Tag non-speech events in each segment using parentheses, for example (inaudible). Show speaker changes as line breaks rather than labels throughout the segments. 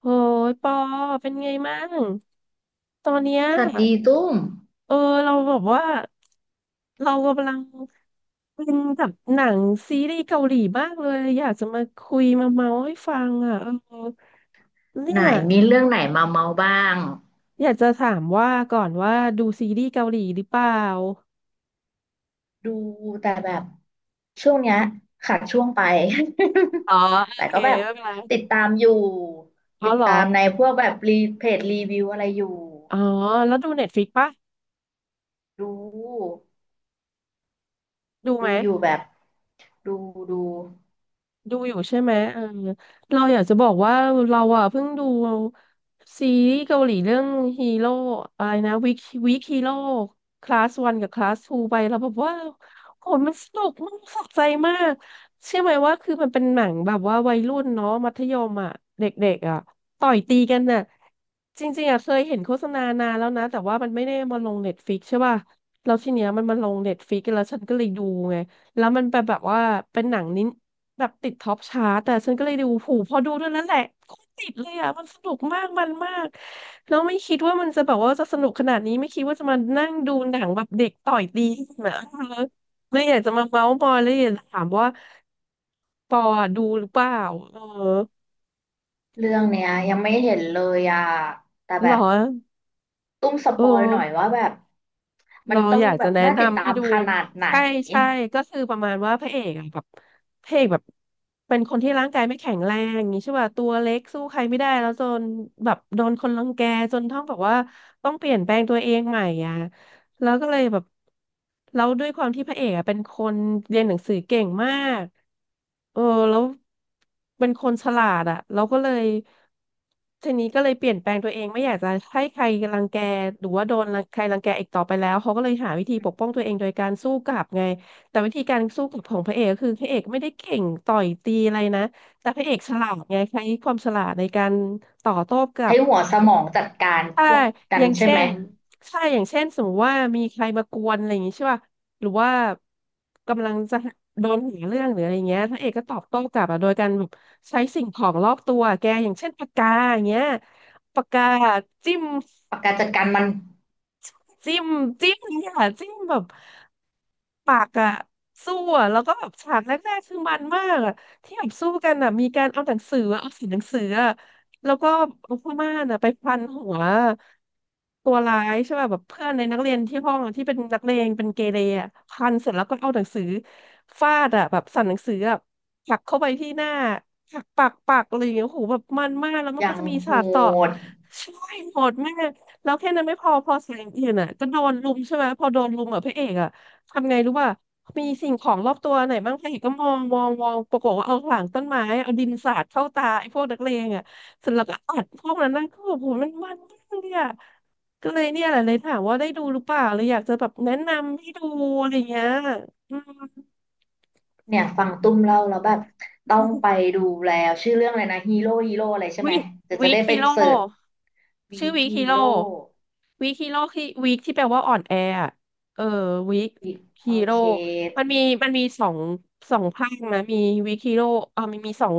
โอ้ยปอเป็นไงมั่งตอนเนี้ย
สวัสดีตุ้ม
เออเราแบบว่าเรากำลังเป็นกับหนังซีรีส์เกาหลีมากเลยอยากจะมาคุยมาเมาให้ฟังอ่ะเออเนี่
ไหน
ย
มีเรื่องไหนมาเมาบ้าง
อยากจะถามว่าก่อนว่าดูซีรีส์เกาหลีหรือเปล่า
ดูแต่แบบช่วงเนี้ยขาดช่วงไป
อ๋อโอ
(laughs) แต่
เค
ก็แบบ
ไม่เป็นไร
ติดตามอยู่
อ๋อ
ติด
เหรอ
ตามในพวกแบบรีเพจรีวิวอะไรอยู่
อ๋อแล้วดูเน็ตฟ i ิกปะ
ดู
ดูไห
ดู
ม
อยู่แบบดูดู
ดูอยู่ใช่ไหมเออเราอยากจะบอกว่าเราอ่ะเพิ่งดูซีรีส์เกาหลีเรื่องฮีโร่อะไรนะวิกวิกฮีโร่คลาสวันกับคลาสทูไปเราแบบว่าโหมันสนุกมากสะใจมากเชื่อไหมว่าคือมันเป็นหนังแบบว่าวัยรุ่นเนาะมัธยมอ่ะเด็กๆอ่ะต่อยตีกันน่ะจริงๆอ่ะเคยเห็นโฆษณานานแล้วนะแต่ว่ามันไม่ได้มาลงเน็ตฟิกใช่ป่ะแล้วทีเนี้ยมันมาลงเน็ตฟิกแล้วฉันก็เลยดูไงแล้วมันเป็นแบบว่าเป็นหนังนิ แบบติดท็อปชาร์ตแต่ฉันก็เลยดูผูพอดูเท่านั้นแหละโคตรติดเลยอ่ะมันสนุกมากมันมากแล้วไม่คิดว่ามันจะแบบว่าจะสนุกขนาดนี้ไม่คิดว่าจะมานั่งดูหนังแบบเด็กต่อยตีกันนะเออเลยอยากจะมาเมาส์มอยเลยอยากจะถามว่าปอดูหรือเปล่าเออ
เรื่องเนี้ยยังไม่เห็นเลยอ่ะแต่
หร
แบ
อ
บตุ้มส
เอ
ป
อ
อยหน่อยว่าแบบมัน
เรา
ต้อ
อ
ง
ยาก
แบ
จะ
บ
แนะ
น่าติด
นำ
ตา
ให้
ม
ดู
ขนาดไหน
ใช่ใช่ก็คือประมาณว่าพระเอกอะแบบพระเอกแบบเป็นคนที่ร่างกายไม่แข็งแรงอย่างนี้ใช่ป่ะตัวเล็กสู้ใครไม่ได้แล้วจนแบบโดนคนรังแกจนต้องแบบว่าต้องเปลี่ยนแปลงตัวเองใหม่อ่ะ แล้วก็เลยแบบแล้วด้วยความที่พระเอกอะเป็นคนเรียนหนังสือเก่งมากเออแล้วเป็นคนฉลาดอ่ะเราก็เลยทีนี้ก็เลยเปลี่ยนแปลงตัวเองไม่อยากจะให้ใครรังแกหรือว่าโดนรังใครรังแกอีกต่อไปแล้วเขาก็เลยหาวิธีปกป้องตัวเองโดยการสู้กลับไงแต่วิธีการสู้กลับของพระเอกก็คือพระเอกไม่ได้เก่งต่อยตีอะไรนะแต่พระเอกฉลาดไงใช้ความฉลาดในการต่อโต้กลั
ใช้
บ
หัวสมองจัดการ
ถ้า
พวกกั
อ
น
ย่าง
ใช่
เช่
ไหม
นถ้าอย่างเช่น สมมติว่า มีใครมากวนอะไรอย่างงี้ใช่ป่ะหรือว่ากำลังจะโดนหาเรื่องหรืออะไรเงี้ยพระเอกก็ตอบโต้กลับอะโดยการแบบใช้สิ่งของรอบตัว แกอย่างเช่นปากกาอย่างเงี้ยปากกาจิ้ม
ปากการจัดการมัน
จิ้มจิ้มเนี่ยค่ะจิ้มแบบปากอะสู้อะแล้วก็แบบฉากแรกๆคือมันมากอะที่แบบสู้กันอะมีการเอาหนังสืออะเอาสีหนังสืออะแล้วก็เอาผ้าม่านอะไปพันหัวตัวร้ายใช่ป่ะแบบเพื่อนในนักเรียนที่ห้องอะที่เป็นนักเลงเป็นเกเรอะพันเสร็จแล้วก็เอาหนังสือฟาดอะแบบสั่นหนังสืออะผลักเข้าไปที่หน้าผลักปากอะไรอย่างเงี้ยโอ้โหแบบมันมากแล้วมั
อ
นก็
ย่าง
จะมี
โห
ฉากต่อ
ด
ช่วยโหดมาก แล้วแค่นั้นไม่พอพอแสงอื่นอ่ะก็โดนรุมใช่ไหมพอโดนรุมอ่ะพระเอกอ่ะทำไงรู้ป่ะมีสิ่งของรอบตัวไหนบ้างพระเอกก็มองปรากฏว่าเอาหลังต้นไม้เอาดินสาดเข้าตาไอ้พวกนักเลงอ่ะเสร็จแล้วก็อัดพวกนั้นนั่นก็แบบโหมันมากเนี่ยก็เลยเนี่ยแหละเลยถามว่าได้ดูหรือเปล่าเลยอยากจะแบบแนะนำให้ดูอะไรเงี้ยอืม
เนี่ยฟังตุ้มเล่าแล้วแบบต้องไปดูแล้วชื่อเรื่องอะไรนะฮีโร่ฮีโร่อะไรใช่
วิ
ไหมเดี๋ยวจะ
วิ
ได้ไป
คิโล
เสิร์ชวี
ชื่อ
ค
วิ
ฮี
คิโล
โร่
วีคิโร่คือวคที่แปลว่าอ่อนแออะเออวี
โอ
คิโร่
เค
มันมีมันมีสองสองภาคนะมีวีคิโร่เออมันมีสอง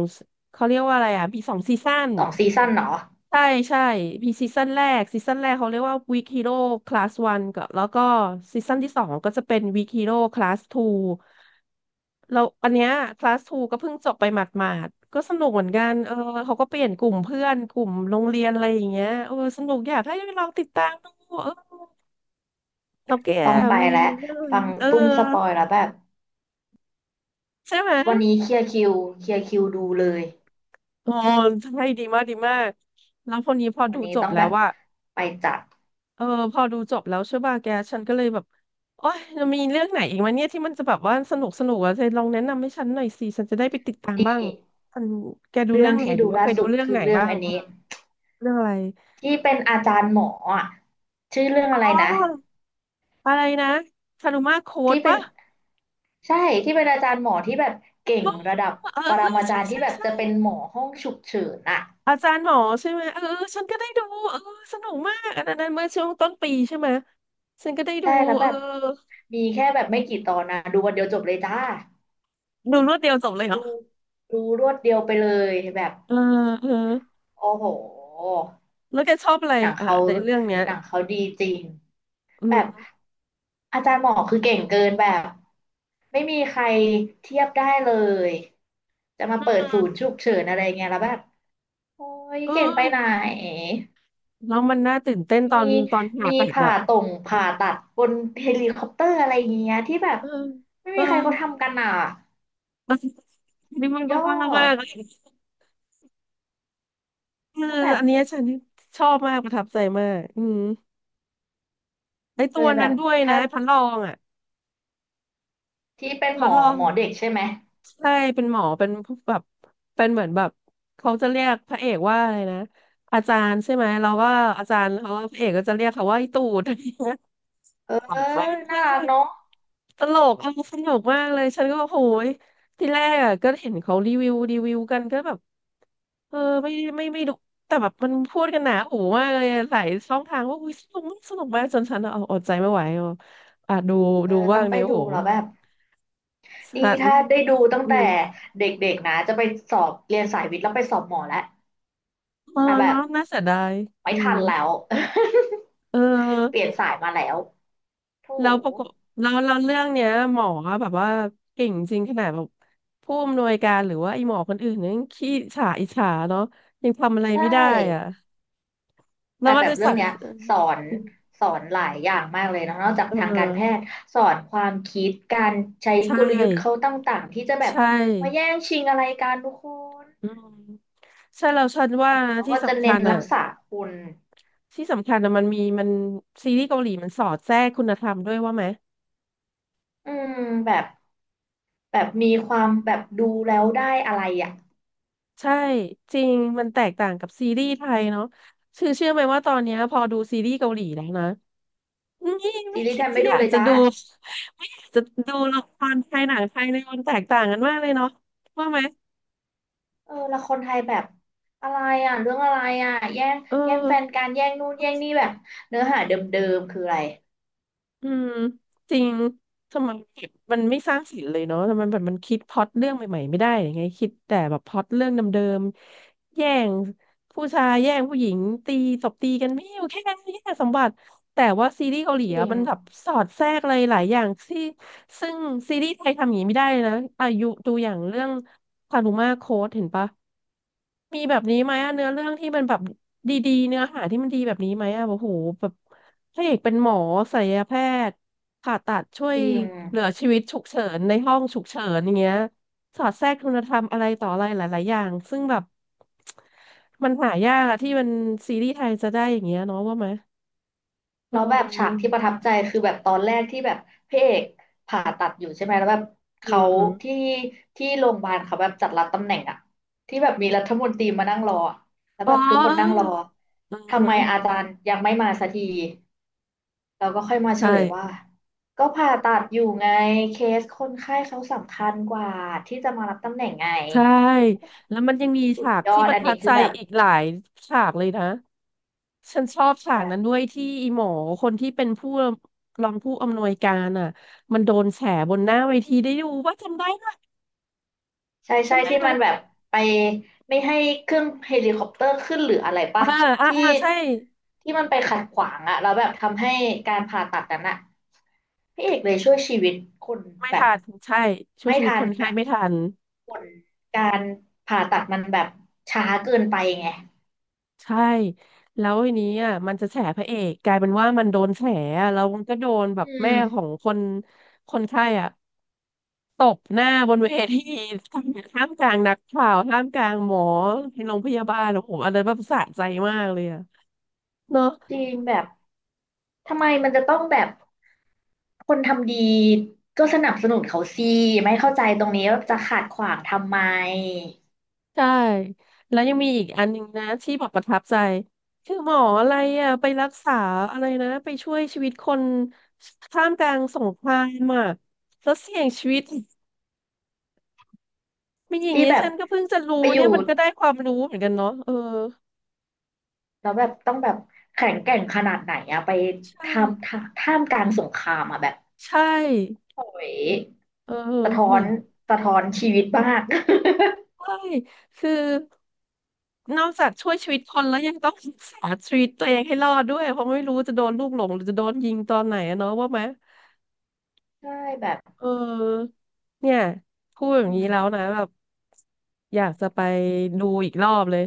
เขาเรียกว่าอะไรอ่ะมีสองซีซั่น
สองซีซั่นเหรอ
ใช่ใช่มีซีซั่นแรกเขาเรียกว่า Week Hero Class 1กับแล้วก็ซีซั่นที่สองก็จะเป็น Week Hero Class 2แล้วอันเนี้ยคลาสทูก็เพิ่งจบไปหมาดๆก็สนุกเหมือนกันเออเขาก็เปลี่ยนกลุ่มเพื่อนกลุ่มโรงเรียนอะไรอย่างเงี้ยเออสนุกอยากให้ลองติดตามดูเออแล้วแก
ต้องไป
มี
แล้ว
มีเรื่อง
ฟัง
เออ
ตุ้มสปอยแล้วแบบ
ใช่ไหม
วันนี้เคลียร์คิวเคลียร์คิวดูเลย
อ๋อใช่ดีมากแล้วคนนี้พอ
วั
ดู
นนี้
จบ
ต้อง
แล้
แบ
ว
บ
ว่า
ไปจัด
เออพอดูจบแล้วใช่ป่ะแกฉันก็เลยแบบโอ๊ยจะมีเรื่องไหนอีกวะเนี่ยที่มันจะแบบว่าสนุกสนุกอะเธอลองแนะนำให้ฉันหน่อยสิฉันจะได้ไปติดตาม
นี
บ้าง
่
ฉันแกดู
เรื่
เรื่
อ
อ
ง
งไหน
ที่
หรื
ดู
อว่าเค
ล่า
ยดู
สุด
เรื่อง
คื
ไห
อ
น
เรื่อ
บ้า
ง
ง
อัน
เออ
นี้
เรื่องอะไร
ที่เป็นอาจารย์หมออะชื่อเรื่อง
อ๋
อะไร
อ
นะ
อะไรนะชารุมาโค้ด
ที่เป็น
ปะ
ใช่ที่เป็นอาจารย์หมอที่แบบเก่
เอ
ง
อ
ระดับ
เออ
ป
(gasps)
ร
เออ
มาจา
ใช่
รย์ที่
ใช่
แบบ
ใช่
จะเป็นหมอห้องฉุกเฉินอะ
อาจารย์หมอใช่ไหมเออเออฉันก็ได้ดูเออสนุกมากอันนั้นเมื่อช่วงต้นปีใช่ไหมฉันก็ได้ดู
ใช่แล้ว
เอ
แบ
อ
บมีแค่แบบไม่กี่ตอนนะดูวันเดียวจบเลยจ้า
ดูรวดเดียวจบเลยเหรอ
ดูดูรวดเดียวไปเลยแบบ
เออเออ
โอ้โห
แล้วแกชอบอะไร
หนัง
อ่ะ
เขา
ในเรื่องเนี้ย
หนังเขาดีจริง
อื
แบบ
ม
อาจารย์หมอคือเก่งเกินแบบไม่มีใครเทียบได้เลยจะมา
อื
เปิดศูนย์
ม
ฉุกเฉินอะไรเงี้ยแล้วแบบโอ้ย
เอ
เก่งไปไหน
อแล้วมันน่าตื่นเต้นตอ
มี
นผ่า
มี
ตัด
ผ่า
อะ
ตรง
เออ
ผ่าตัดบนเฮลิคอปเตอร์อะไรอย่างเงี้ยที่แบบไม่
เอ
มีใครเขา
อ
ทำกันอ่ะ
เออนี่มัน
ย
ก็
อ
ว่ามา
ด
กเลยเออ
แล้วแบบ
อันเนี้ยฉันชอบมากประทับใจมากอืมไอ
เล
ตัว
ยแบ
นั้
บ
นด้วย
ถ้า
นะพันรองอะ
ที่เป็นห
พั
ม
น
อ
รอง
หมอเด็กใช่ไหม
ใช่เป็นหมอเป็นแบบเป็นเหมือนแบบเขาจะเรียกพระเอกว่าอะไรนะอาจารย์ใช่ไหมเราก็อาจารย์เขาพระเอกก็จะเรียกเขาว่าไอตูด (laughs) อะไรเงี้ย
เออ
ขำมา
น่า
กเล
รัก
ย
เนาะ
ตลกมันสนุกมากเลย ฉันก็โอ้โหยที่แรกอ่ะก็เห็นเขารีวิวกันก็แบบเออไม่ไม่ดูแต่แบบมันพูดกันหนาหูมากเลยอะหลายช่องทางว่าอุ้ยสนุกมากสนุกมากจนฉันเอาอดใจไม่ไหวอะอ่ะดู
เออ
ดูบ้า
ต้อ
ง
งไป
เนี่ยโอ้
ดู
โห
แล้วแบบดี
ฉัน
ถ้าได้ดูตั้ง
อื
แต่
ม
เด็กๆนะจะไปสอบเรียนสายวิทย์แล้วไปสอบหมอแล้ว
เออ
แต่แบบ
เนาะน่าเสียดาย
ไม่
อืม
ทันแล้ว (laughs)
เอ
เปลี่ย
อ
นสายมาแล้วโถ
แล้วประกบแล้วเรื่องเนี้ยหมอแบบว่าเก่งจริงขนาดแบบผู้อำนวยการหรือว่าไอ้หมอคนอื่นเนี่ยยังขี้ฉาอิจฉาเนาะยังทำอะไร
ได้
ไม่ได้อ่ะแล้
แต่
วมัน
แบบ
จะ
เรื่อ
สะ
งเนี้ยสอนสอนหลายอย่างมากเลยเนอะนอกจาก
เอ
ทางการแพท
อ
ย์สอนความคิดการใช้
ใช
กลยุทธ์เขา
่
ต่างๆที่จะแบบ
ใช่
มาแย่งชิงอะไรกันทุกคน
อืมใช่เราฉันว่านะ
เขา
ที่
ก็จะ
สำ
เน้
คั
น
ญ
รั
อ่ะ
กษาคุณ
ที่สำคัญอ่ะมันมีมันซีรีส์เกาหลีมันสอดแทรกคุณธรรมด้วยว่าไหม
อืมแบบแบบมีความแบบดูแล้วได้อะไรอ่ะ
ใช่จริงมันแตกต่างกับซีรีส์ไทยเนาะคือเชื่อไหมว่าตอนเนี้ยพอดูซีรีส์เกาหลีแล้วนะ นี่
ซี
ไม่
รีส์
คิ
ไท
ด
ย
จะ
ไม่
อ
ดู
ยาก
เลย
จะ
จ้า
ดูจะดูละครไทยหนังไทยเลยมันแตกต่างกันมากเลยเนาะว่าไหม
เออละครไทยแบบอะไรอ่ะเรื่องอะไรอ่ะแย่ง
เอ
แย่งแฟน
อ
กันแย่งนู่นแย่งนี่แบบเนื้อหาเดิมๆคืออะไร
อืมจริงทำไมแบบมันไม่สร้างสรรค์เลยเนาะทำไมแบบมันคิดพล็อตเรื่องใหม่ๆไม่ได้ยังไงคิดแต่แบบพล็อตเรื่องเดิมๆแย่ง ผู้ชายแย่งผู้หญิงตีตบตีกันไม่อยู่แค่นั้นแค่สมบัติแต่ว่าซีรีส์เกาหลี
จริ
อะ
ง
มันแบบสอดแทรกอะไรหลายอย่างที่ซึ่งซีรีส์ไทยทำอย่างนี้ไม่ได้เลยนะอายุดูอย่างเรื่องคารุมาโค้ดเห็นปะมีแบบนี้ไหมอะเนื้อเรื่องที่มันแบบดีๆเนื้อหาที่มันดีแบบนี้ไหมอะโอ้โหแบบพระเอกเป็นหมอศัลยแพทย์ผ่าตัดช่วย
จริง
เหลือชีวิตฉุกเฉินในห้องฉุกเฉินอย่างเงี้ย สอดแทรกคุณธรรมอะไรต่ออะไรหลายๆอย่างซึ่งแบบมันหายากอะที่มันซีรีส์ไทยจะได้อย่างเงี้ยเนาะว่าไหมเ
แล้วแบบฉากที่
ออ
ประทับใจคือแบบตอนแรกที่แบบพระเอกผ่าตัดอยู่ใช่ไหมแล้วแบบเขา
อืม
ที่ที่โรงพยาบาลเขาแบบจัดรับตำแหน่งอะที่แบบมีรัฐมนตรีมานั่งรออะแล้ว
อ๋
แบบทุกคนนั่งร
อ
อ
เออเออ
ทำไม
เอ
อา
อ
จารย์ยังไม่มาสักทีเราก็ค่อยมาเฉ
ใช่
ลยว่าก็ผ่าตัดอยู่ไงเคสคนไข้เขาสำคัญกว่าที่จะมารับตำแหน่งไง
ใช่แล้วมันยังมี
สุด
ฉาก
ยอ
ที่
ด
ประ
อัน
ทับ
นี้คื
ใจ
อแบบ
อีกหลายฉากเลยนะฉันชอบฉา
แบ
ก
บ
นั้นด้วยที่อีหมอคนที่เป็นผู้รองผู้อำนวยการอ่ะมันโดนแฉบนหน้าเวทีได้ดูว่าจำได้ไหม
ใช่ใช่
จำได้
ที่
ไหม
มันแบบไปไม่ให้เครื่องเฮลิคอปเตอร์ขึ้นหรืออะไร
อ่า
ปะที่
อ่าใช่
ที่มันไปขัดขวางอะแล้วแบบทำให้การผ่าตัดนั้นอะพระเอกเลยช่วยชีวิตคน
ไม่
แบบ
ทันใช่ช่วย
ไม่
ชีวิต
ทั
ค
น
น
แบ
ไข้
บ
ไม่ทัน
ผลการผ่าตัดมันแบบช้าเกินไปไง
ใช่แล้วทีนี้อ่ะมันจะแฉพระเอกกลายเป็นว่ามันโดนแฉอะแล้วมันก็โดนแบบ
อื
แม่
ม
ของคนไข้อ่ะตบหน้าบนเวที (laughs) ท่ามกลางนักข่าวท่ามกลางหมอในโรงพยาบาลโอ้โหอันนั้รแบบสะใจมากเลยอ่ะเนอะ
จริงแบบทำไมมันจะต้องแบบคนทำดีก็สนับสนุนเขาสิไม่เข้าใจตรงนี้ว่าจะขัดขวางทำไม
ใช่แล้วยังมีอีกอันหนึ่งนะที่บอกประทับใจคือหมออะไรอ่ะไปรักษาอะไรนะไปช่วยชีวิตคนท่ามกลางสงครามอ่ะแล้วเสี่ยงชีวิตไม่อย่าง
ที่
เงี้ย
แบบ
ฉันก็เพิ่งจะ
ไป
รู้
อ
เนี่
ยู่
ยมันก็ได้ความรู้เหมือนกันเนาะเออ
แล้วแบบต้องแบบแข็งแกร่งขนาดไหนอะไป
ใช
ทำ
่
ท่ามท่ามกลางสงครามอะแบบ
ใช่
โอ้ย
เออ
สะท้อ
แหม
นสะท้อนชีวิตมาก
ใช่คือนอกจากช่วยชีวิตคนแล้วยังต้องรักษาชีวิตตัวเองให้รอดด้วยเพราะไม่รู้จะโดนลูกหลงหรือจะโดนยิงตอนไหนอะเนาะว่าไหม
(laughs) ใช่แบบ
เออเนี่ยพูดอย่าง
อื
นี้
ม
แล้วนะแบบอยากจะไปดูอีกรอบเลย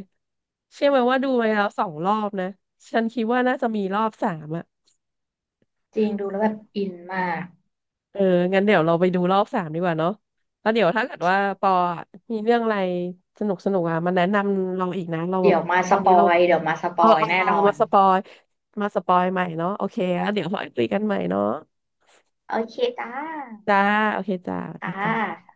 เชื่อไหมว่าดูไปแล้วสองรอบนะฉันคิดว่าน่าจะมีรอบสามอ่ะ
จริงดูแล้วแบบอินมาก
เอองั้นเดี๋ยวเราไปดูรอบสามดีกว่าเนาะแล้วเดี๋ยวถ้าเกิดว่าปออะมีเรื่องอะไรสนุกสนุกอ่ะมาแนะนำเราอีกนะเราแบ
เดี๋
บ
ยวมา
ต
ส
อน
ป
นี้
อ
เรา
ยเดี๋ยวมาสป
เอ
อ
อ
ย
เอา
แน่นอน
มาสปอยใหม่เนาะโอเคแล้วเดี๋ยว (laughs) ค่อยคุยกันใหม่เนาะ
โอเคจ้า
จ้าโอเคจ้าสวัส
ค
ดีจ้า
่ะ